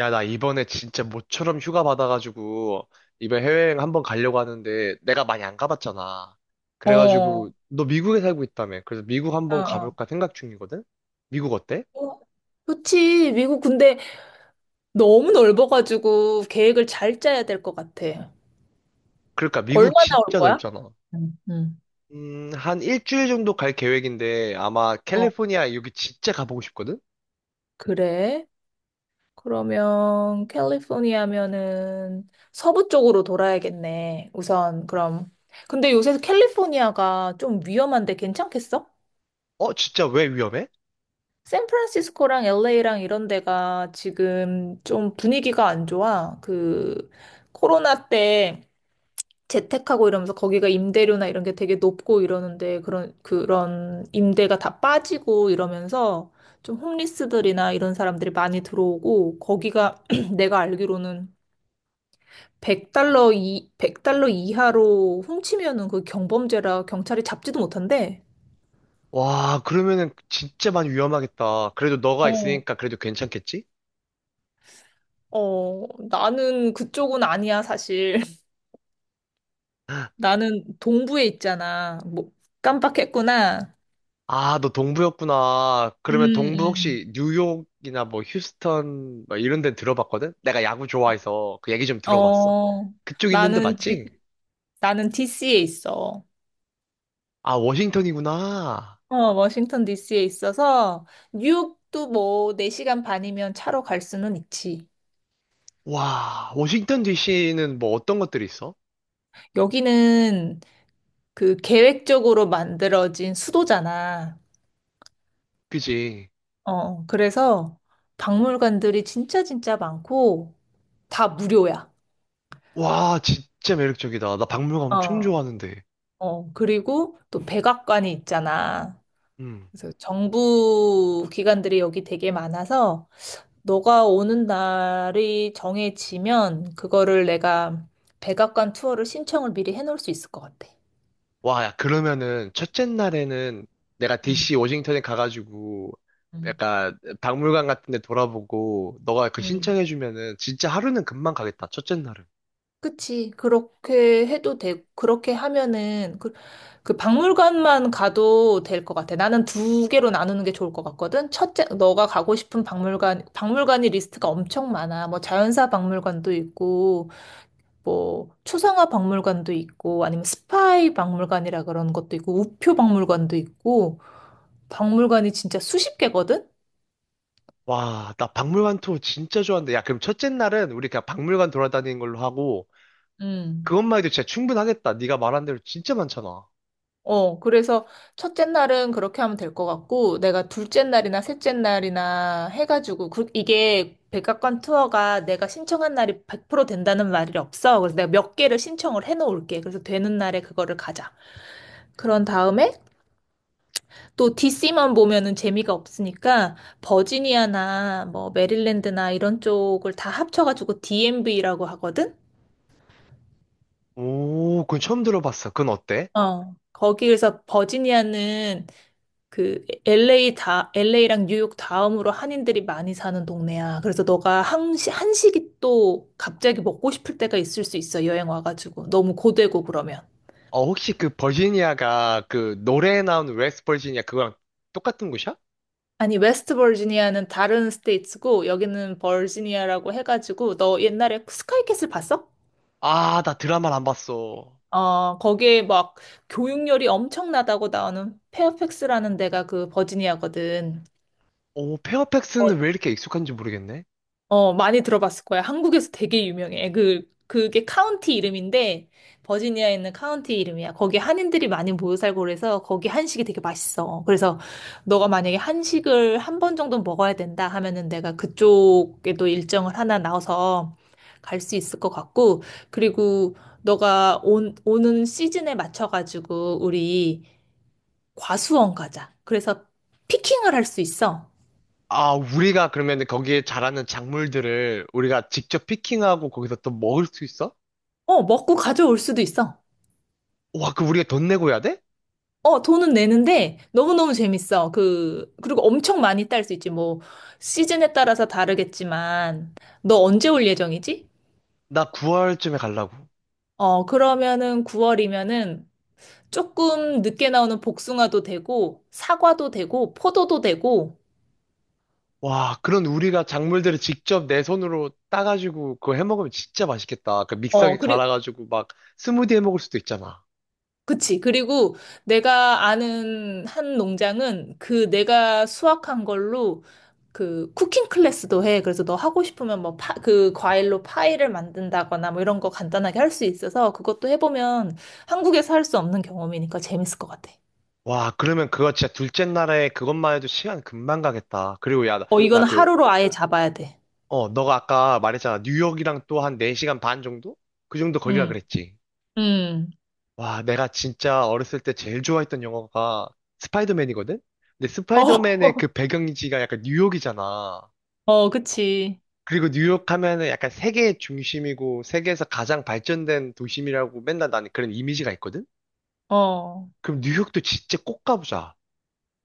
야, 나 이번에 진짜 모처럼 휴가 받아가지고, 이번 해외여행 한번 가려고 하는데, 내가 많이 안 가봤잖아. 어, 그래가지고, 어, 너 미국에 살고 있다며. 그래서 미국 한번 어. 가볼까 생각 중이거든? 미국 어때? 어, 그치. 미국 근데 너무 넓어가지고 계획을 잘 짜야 될 것 같아. 그러니까 미국 얼마나 올 진짜 거야? 넓잖아. 응, 응. 한 일주일 정도 갈 계획인데, 아마 어, 캘리포니아 여기 진짜 가보고 싶거든? 그래. 그러면 캘리포니아면은 서부 쪽으로 돌아야겠네. 우선 그럼. 근데 요새 캘리포니아가 좀 위험한데 괜찮겠어? 어, 진짜 왜 위험해? 샌프란시스코랑 LA랑 이런 데가 지금 좀 분위기가 안 좋아. 그 코로나 때 재택하고 이러면서 거기가 임대료나 이런 게 되게 높고 이러는데 그런 임대가 다 빠지고 이러면서 좀 홈리스들이나 이런 사람들이 많이 들어오고 거기가 내가 알기로는 100달러, 이 백 달러 이하로 훔치면은 그 경범죄라 경찰이 잡지도 못한대. 와, 그러면은 진짜 많이 위험하겠다. 그래도 너가 어, 있으니까 그래도 괜찮겠지? 어, 나는 그쪽은 아니야, 사실. 나는 동부에 있잖아. 뭐 깜빡했구나. 아, 너 동부였구나. 그러면 음, 동부 음. 혹시 뉴욕이나 뭐 휴스턴 뭐 이런 데 들어봤거든? 내가 야구 좋아해서 그 얘기 좀 들어봤어. 어. 그쪽 있는데 나는 지, 맞지? 나는 DC에 있어. 아, 워싱턴이구나. 어, 워싱턴 DC에 있어서 뉴욕도 뭐 4시간 반이면 차로 갈 수는 있지. 와, 워싱턴 DC는 뭐 어떤 것들이 있어? 여기는 그 계획적으로 만들어진 수도잖아. 그지? 어, 그래서 박물관들이 진짜 진짜 많고 다 무료야. 와, 진짜 매력적이다. 나 박물관 엄청 어, 좋아하는데. 어, 그리고 또 백악관이 있잖아. 음. 그래서 정부 기관들이 여기 되게 많아서 너가 오는 날이 정해지면 그거를 내가 백악관 투어를 신청을 미리 해놓을 수 있을 것 같아. 와, 야, 그러면은 첫째 날에는 내가 응, DC 워싱턴에 가가지고 응, 약간 박물관 같은 데 돌아보고 너가 그 응. 신청해주면은 진짜 하루는 금방 가겠다, 첫째 날은. 그치. 그렇게 해도 되고, 그렇게 하면은 그 박물관만 가도 될 것 같아. 나는 두 개로 나누는 게 좋을 것 같거든. 첫째, 너가 가고 싶은 박물관이 리스트가 엄청 많아. 뭐 자연사 박물관도 있고, 뭐 초상화 박물관도 있고, 아니면 스파이 박물관이라 그런 것도 있고, 우표 박물관도 있고, 박물관이 진짜 수십 개거든? 와, 나 박물관 투어 진짜 좋아하는데. 야, 그럼 첫째 날은 우리 그냥 박물관 돌아다니는 걸로 하고 음. 그것만 해도 진짜 충분하겠다. 네가 말한 대로 진짜 많잖아. 어, 그래서 첫째 날은 그렇게 하면 될 것 같고, 내가 둘째 날이나 셋째 날이나 해가지고, 이게 백악관 투어가 내가 신청한 날이 100% 된다는 말이 없어. 그래서 내가 몇 개를 신청을 해놓을게. 그래서 되는 날에 그거를 가자. 그런 다음에 또 DC만 보면은 재미가 없으니까 버지니아나 뭐 메릴랜드나 이런 쪽을 다 합쳐가지고 DMV라고 하거든? 오, 그건 처음 들어봤어. 그건 어때? 어. 거기에서 버지니아는 그 LA 다 LA랑 뉴욕 다음으로 한인들이 많이 사는 동네야. 그래서 너가 한시 한식이 또 갑자기 먹고 싶을 때가 있을 수 있어. 여행 와가지고 너무 고되고 그러면. 어, 혹시 그 버지니아가 그 노래에 나오는 웨스트 버지니아 그거랑 똑같은 곳이야? 아니 웨스트 버지니아는 다른 스테이츠고 여기는 버지니아라고 해가지고 너 옛날에 스카이캐슬 봤어? 아, 나 드라마를 안 봤어. 어, 거기에 막 교육열이 엄청나다고 나오는 페어팩스라는 데가 그 버지니아거든. 오, 페어팩스는 왜 이렇게 익숙한지 모르겠네. 어, 많이 들어봤을 거야. 한국에서 되게 유명해. 그게 카운티 이름인데, 버지니아에 있는 카운티 이름이야. 거기 한인들이 많이 모여 살고 그래서 거기 한식이 되게 맛있어. 그래서 너가 만약에 한식을 한 번 정도 먹어야 된다 하면은 내가 그쪽에도 일정을 하나 나와서 갈 수 있을 것 같고, 그리고 너가 오는 시즌에 맞춰가지고 우리 과수원 가자. 그래서 피킹을 할 수 있어. 아, 우리가 그러면 거기에 자라는 작물들을 우리가 직접 피킹하고 거기서 또 먹을 수 있어? 어, 먹고 가져올 수도 있어. 와, 그 우리가 돈 내고 해야 돼? 어, 돈은 내는데 너무너무 재밌어. 그리고 엄청 많이 딸 수 있지. 뭐, 시즌에 따라서 다르겠지만, 너 언제 올 예정이지? 나 9월쯤에 가려고. 어, 그러면은 9월이면은 조금 늦게 나오는 복숭아도 되고, 사과도 되고, 포도도 되고, 와, 그런 우리가 작물들을 직접 내 손으로 따가지고 그거 해 먹으면 진짜 맛있겠다. 그 어, 믹서기 그리, 갈아가지고 막 스무디 해 먹을 수도 있잖아. 그치. 그리고 내가 아는 한 농장은 그 내가 수확한 걸로 그 쿠킹 클래스도 해. 그래서 너 하고 싶으면 뭐 그 과일로 파이를 만든다거나 뭐 이런 거 간단하게 할 수 있어서 그것도 해보면 한국에서 할 수 없는 경험이니까 재밌을 것 같아. 와, 그러면 그거 진짜 둘째 날에 그것만 해도 시간 금방 가겠다. 그리고 야, 나 어, 나 이거는 하루로 아예 잡아야 돼. 어, 너가 아까 말했잖아. 뉴욕이랑 또 한 4시간 반 정도? 그 정도 거리라 응, 그랬지. 응. 와, 내가 진짜 어렸을 때 제일 좋아했던 영화가 스파이더맨이거든? 근데 어, 스파이더맨의 그 배경지가 약간 뉴욕이잖아. 어, 그치. 그리고 뉴욕 하면은 약간 세계의 중심이고 세계에서 가장 발전된 도심이라고 맨날 나는 그런 이미지가 있거든? 어. 그럼 뉴욕도 진짜 꼭 가보자.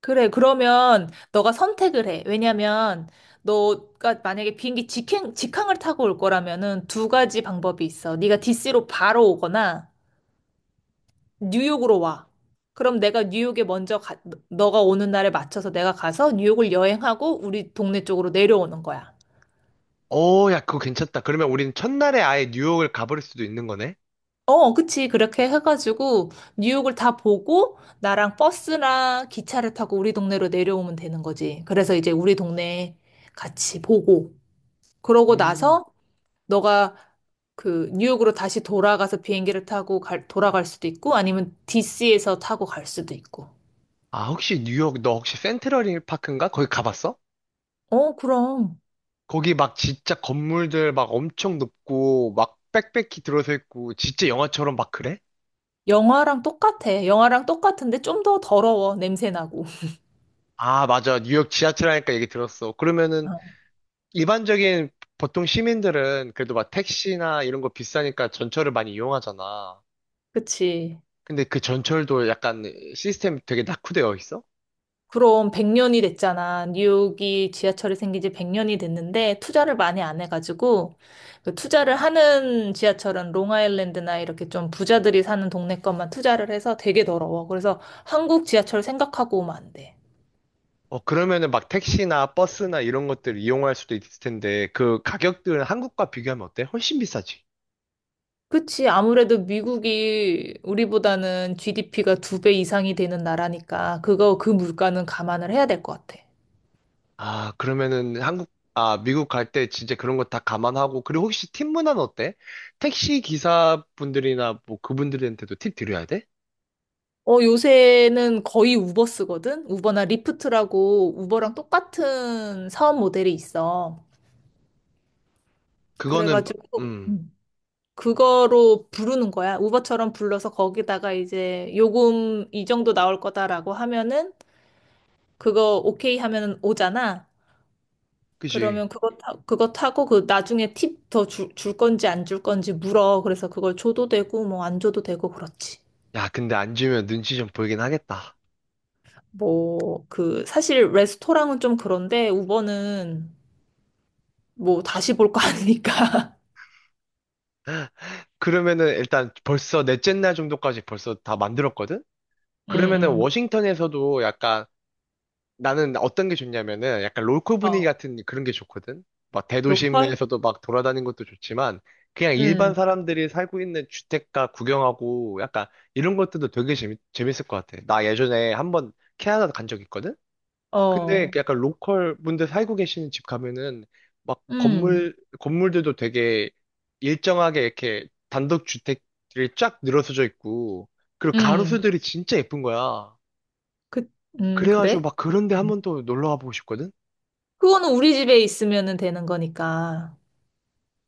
그래, 그러면 너가 선택을 해. 왜냐면 너가 만약에 비행기 직항을 타고 올 거라면은 두 가지 방법이 있어. 네가 DC로 바로 오거나 뉴욕으로 와. 그럼 내가 뉴욕에 먼저 가, 너가 오는 날에 맞춰서 내가 가서 뉴욕을 여행하고 우리 동네 쪽으로 내려오는 거야. 어, 야, 그거 괜찮다. 그러면 우리는 첫날에 아예 뉴욕을 가버릴 수도 있는 거네? 어, 그치. 그렇게 해가지고 뉴욕을 다 보고 나랑 버스나 기차를 타고 우리 동네로 내려오면 되는 거지. 그래서 이제 우리 동네 같이 보고 그러고 음. 나서 너가 그 뉴욕으로 다시 돌아가서 비행기를 타고 돌아갈 수도 있고 아니면 DC에서 타고 갈 수도 있고. 아, 혹시 뉴욕, 너 혹시 센트럴 힐 파크인가? 거기 가봤어? 어, 그럼. 거기 막 진짜 건물들 막 엄청 높고 막 빽빽히 들어서 있고 진짜 영화처럼 막 그래? 영화랑 똑같아. 영화랑 똑같은데 좀 더 더러워. 냄새 나고. 아, 맞아. 뉴욕 지하철 하니까 얘기 들었어. 그러면은 어, 일반적인 보통 시민들은 그래도 막 택시나 이런 거 비싸니까 전철을 많이 이용하잖아. 그치. 근데 그 전철도 약간 시스템이 되게 낙후되어 있어? 그럼 100년이 됐잖아. 뉴욕이 지하철이 생긴 지 100년이 됐는데 투자를 많이 안 해가지고 그 투자를 하는 지하철은 롱아일랜드나 이렇게 좀 부자들이 사는 동네 것만 투자를 해서 되게 더러워. 그래서 한국 지하철 생각하고 오면 안 돼. 어, 그러면은 막 택시나 버스나 이런 것들 이용할 수도 있을 텐데 그 가격들은 한국과 비교하면 어때? 훨씬 비싸지. 그치. 아무래도 미국이 우리보다는 GDP가 두 배 이상이 되는 나라니까 그거 그 물가는 감안을 해야 될 것 같아. 아, 그러면은 한국, 아, 미국 갈 때 진짜 그런 거 다 감안하고, 그리고 혹시 팀 문화는 어때? 택시 기사분들이나 뭐 그분들한테도 팁 드려야 돼? 어, 요새는 거의 우버 쓰거든? 우버나 리프트라고 우버랑 똑같은 사업 모델이 있어. 그거는, 마- 그래가지고, 음, 그거로 부르는 거야. 우버처럼 불러서 거기다가 이제 요금 이 정도 나올 거다라고 하면은 그거 오케이 하면은 오잖아. 그지. 그러면 그거 타고 그 나중에 팁 더 줄 건지 안 줄 건지 물어. 그래서 그걸 줘도 되고 뭐 안 줘도 되고 그렇지. 야, 근데 안 주면 눈치 좀 보이긴 하겠다. 뭐 그 사실 레스토랑은 좀 그런데 우버는 뭐 다시 볼 거 아니니까. 그러면은 일단 벌써 넷째 날 정도까지 벌써 다 만들었거든? 그러면은 응, 워싱턴에서도 약간 나는 어떤 게 좋냐면은 약간 롤코 응. 분위기 어. 같은 그런 게 좋거든. 막 로컬? 대도심에서도 막 돌아다니는 것도 좋지만 그냥 일반 응. 사람들이 살고 있는 주택가 구경하고 약간 이런 것들도 되게 재밌을 것 같아. 나 예전에 한번 캐나다 간 적 있거든? 근데 어. 약간 로컬 분들 살고 계시는 집 가면은 막 응. 건물들도 되게 일정하게 이렇게 단독 주택들이 쫙 늘어서져 있고 그리고 응. 가로수들이 진짜 예쁜 거야. 그, 응, 그래가지고 그래? 막 그런 데 한 음. 번 또 놀러 가보고 싶거든? 그거는 우리 집에 있으면 되는 거니까.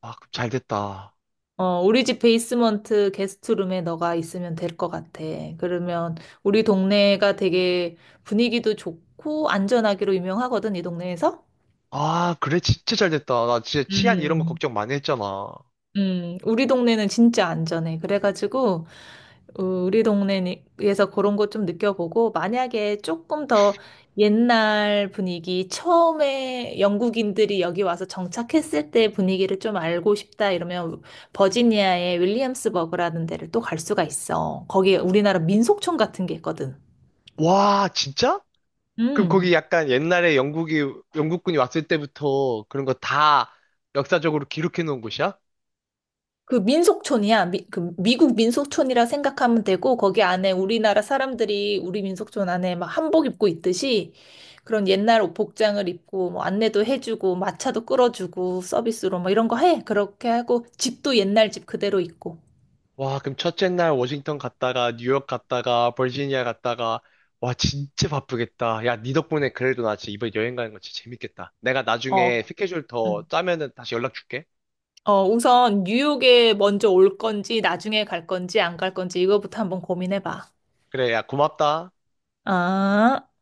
아, 그럼 잘 됐다. 어, 우리 집 베이스먼트 게스트룸에 너가 있으면 될 것 같아. 그러면 우리 동네가 되게 분위기도 좋고 안전하기로 유명하거든, 이 동네에서. 아, 그래, 진짜 잘 됐다. 나 진짜 치안 이런 거 음. 걱정 많이 했잖아. 우리 동네는 진짜 안전해. 그래가지고, 어, 우리 동네에서 그런 거 좀 느껴보고, 만약에 조금 더 옛날 분위기, 처음에 영국인들이 여기 와서 정착했을 때 분위기를 좀 알고 싶다 이러면 버지니아의 윌리엄스버그라는 데를 또 갈 수가 있어. 거기에 우리나라 민속촌 같은 게 있거든. 와, 진짜? 그럼 음. 거기 약간 옛날에 영국군이 왔을 때부터 그런 거 다 역사적으로 기록해 놓은 곳이야? 그 민속촌이야. 그 미국 민속촌이라 생각하면 되고 거기 안에 우리나라 사람들이 우리 민속촌 안에 막 한복 입고 있듯이 그런 옛날 옷 복장을 입고 뭐 안내도 해주고 마차도 끌어주고 서비스로 뭐 이런 거 해. 그렇게 하고 집도 옛날 집 그대로 있고. 와, 그럼 첫째 날 워싱턴 갔다가, 뉴욕 갔다가, 버지니아 갔다가, 와, 진짜 바쁘겠다. 야, 니 덕분에 그래도 나 진짜 이번 여행 가는 거 진짜 재밌겠다. 내가 어. 나중에 스케줄 더 음. 짜면은 다시 연락 줄게. 어, 우선 뉴욕에 먼저 올 건지 나중에 갈 건지 안 갈 건지 이거부터 한번 고민해 봐. 그래, 야, 고맙다. 아.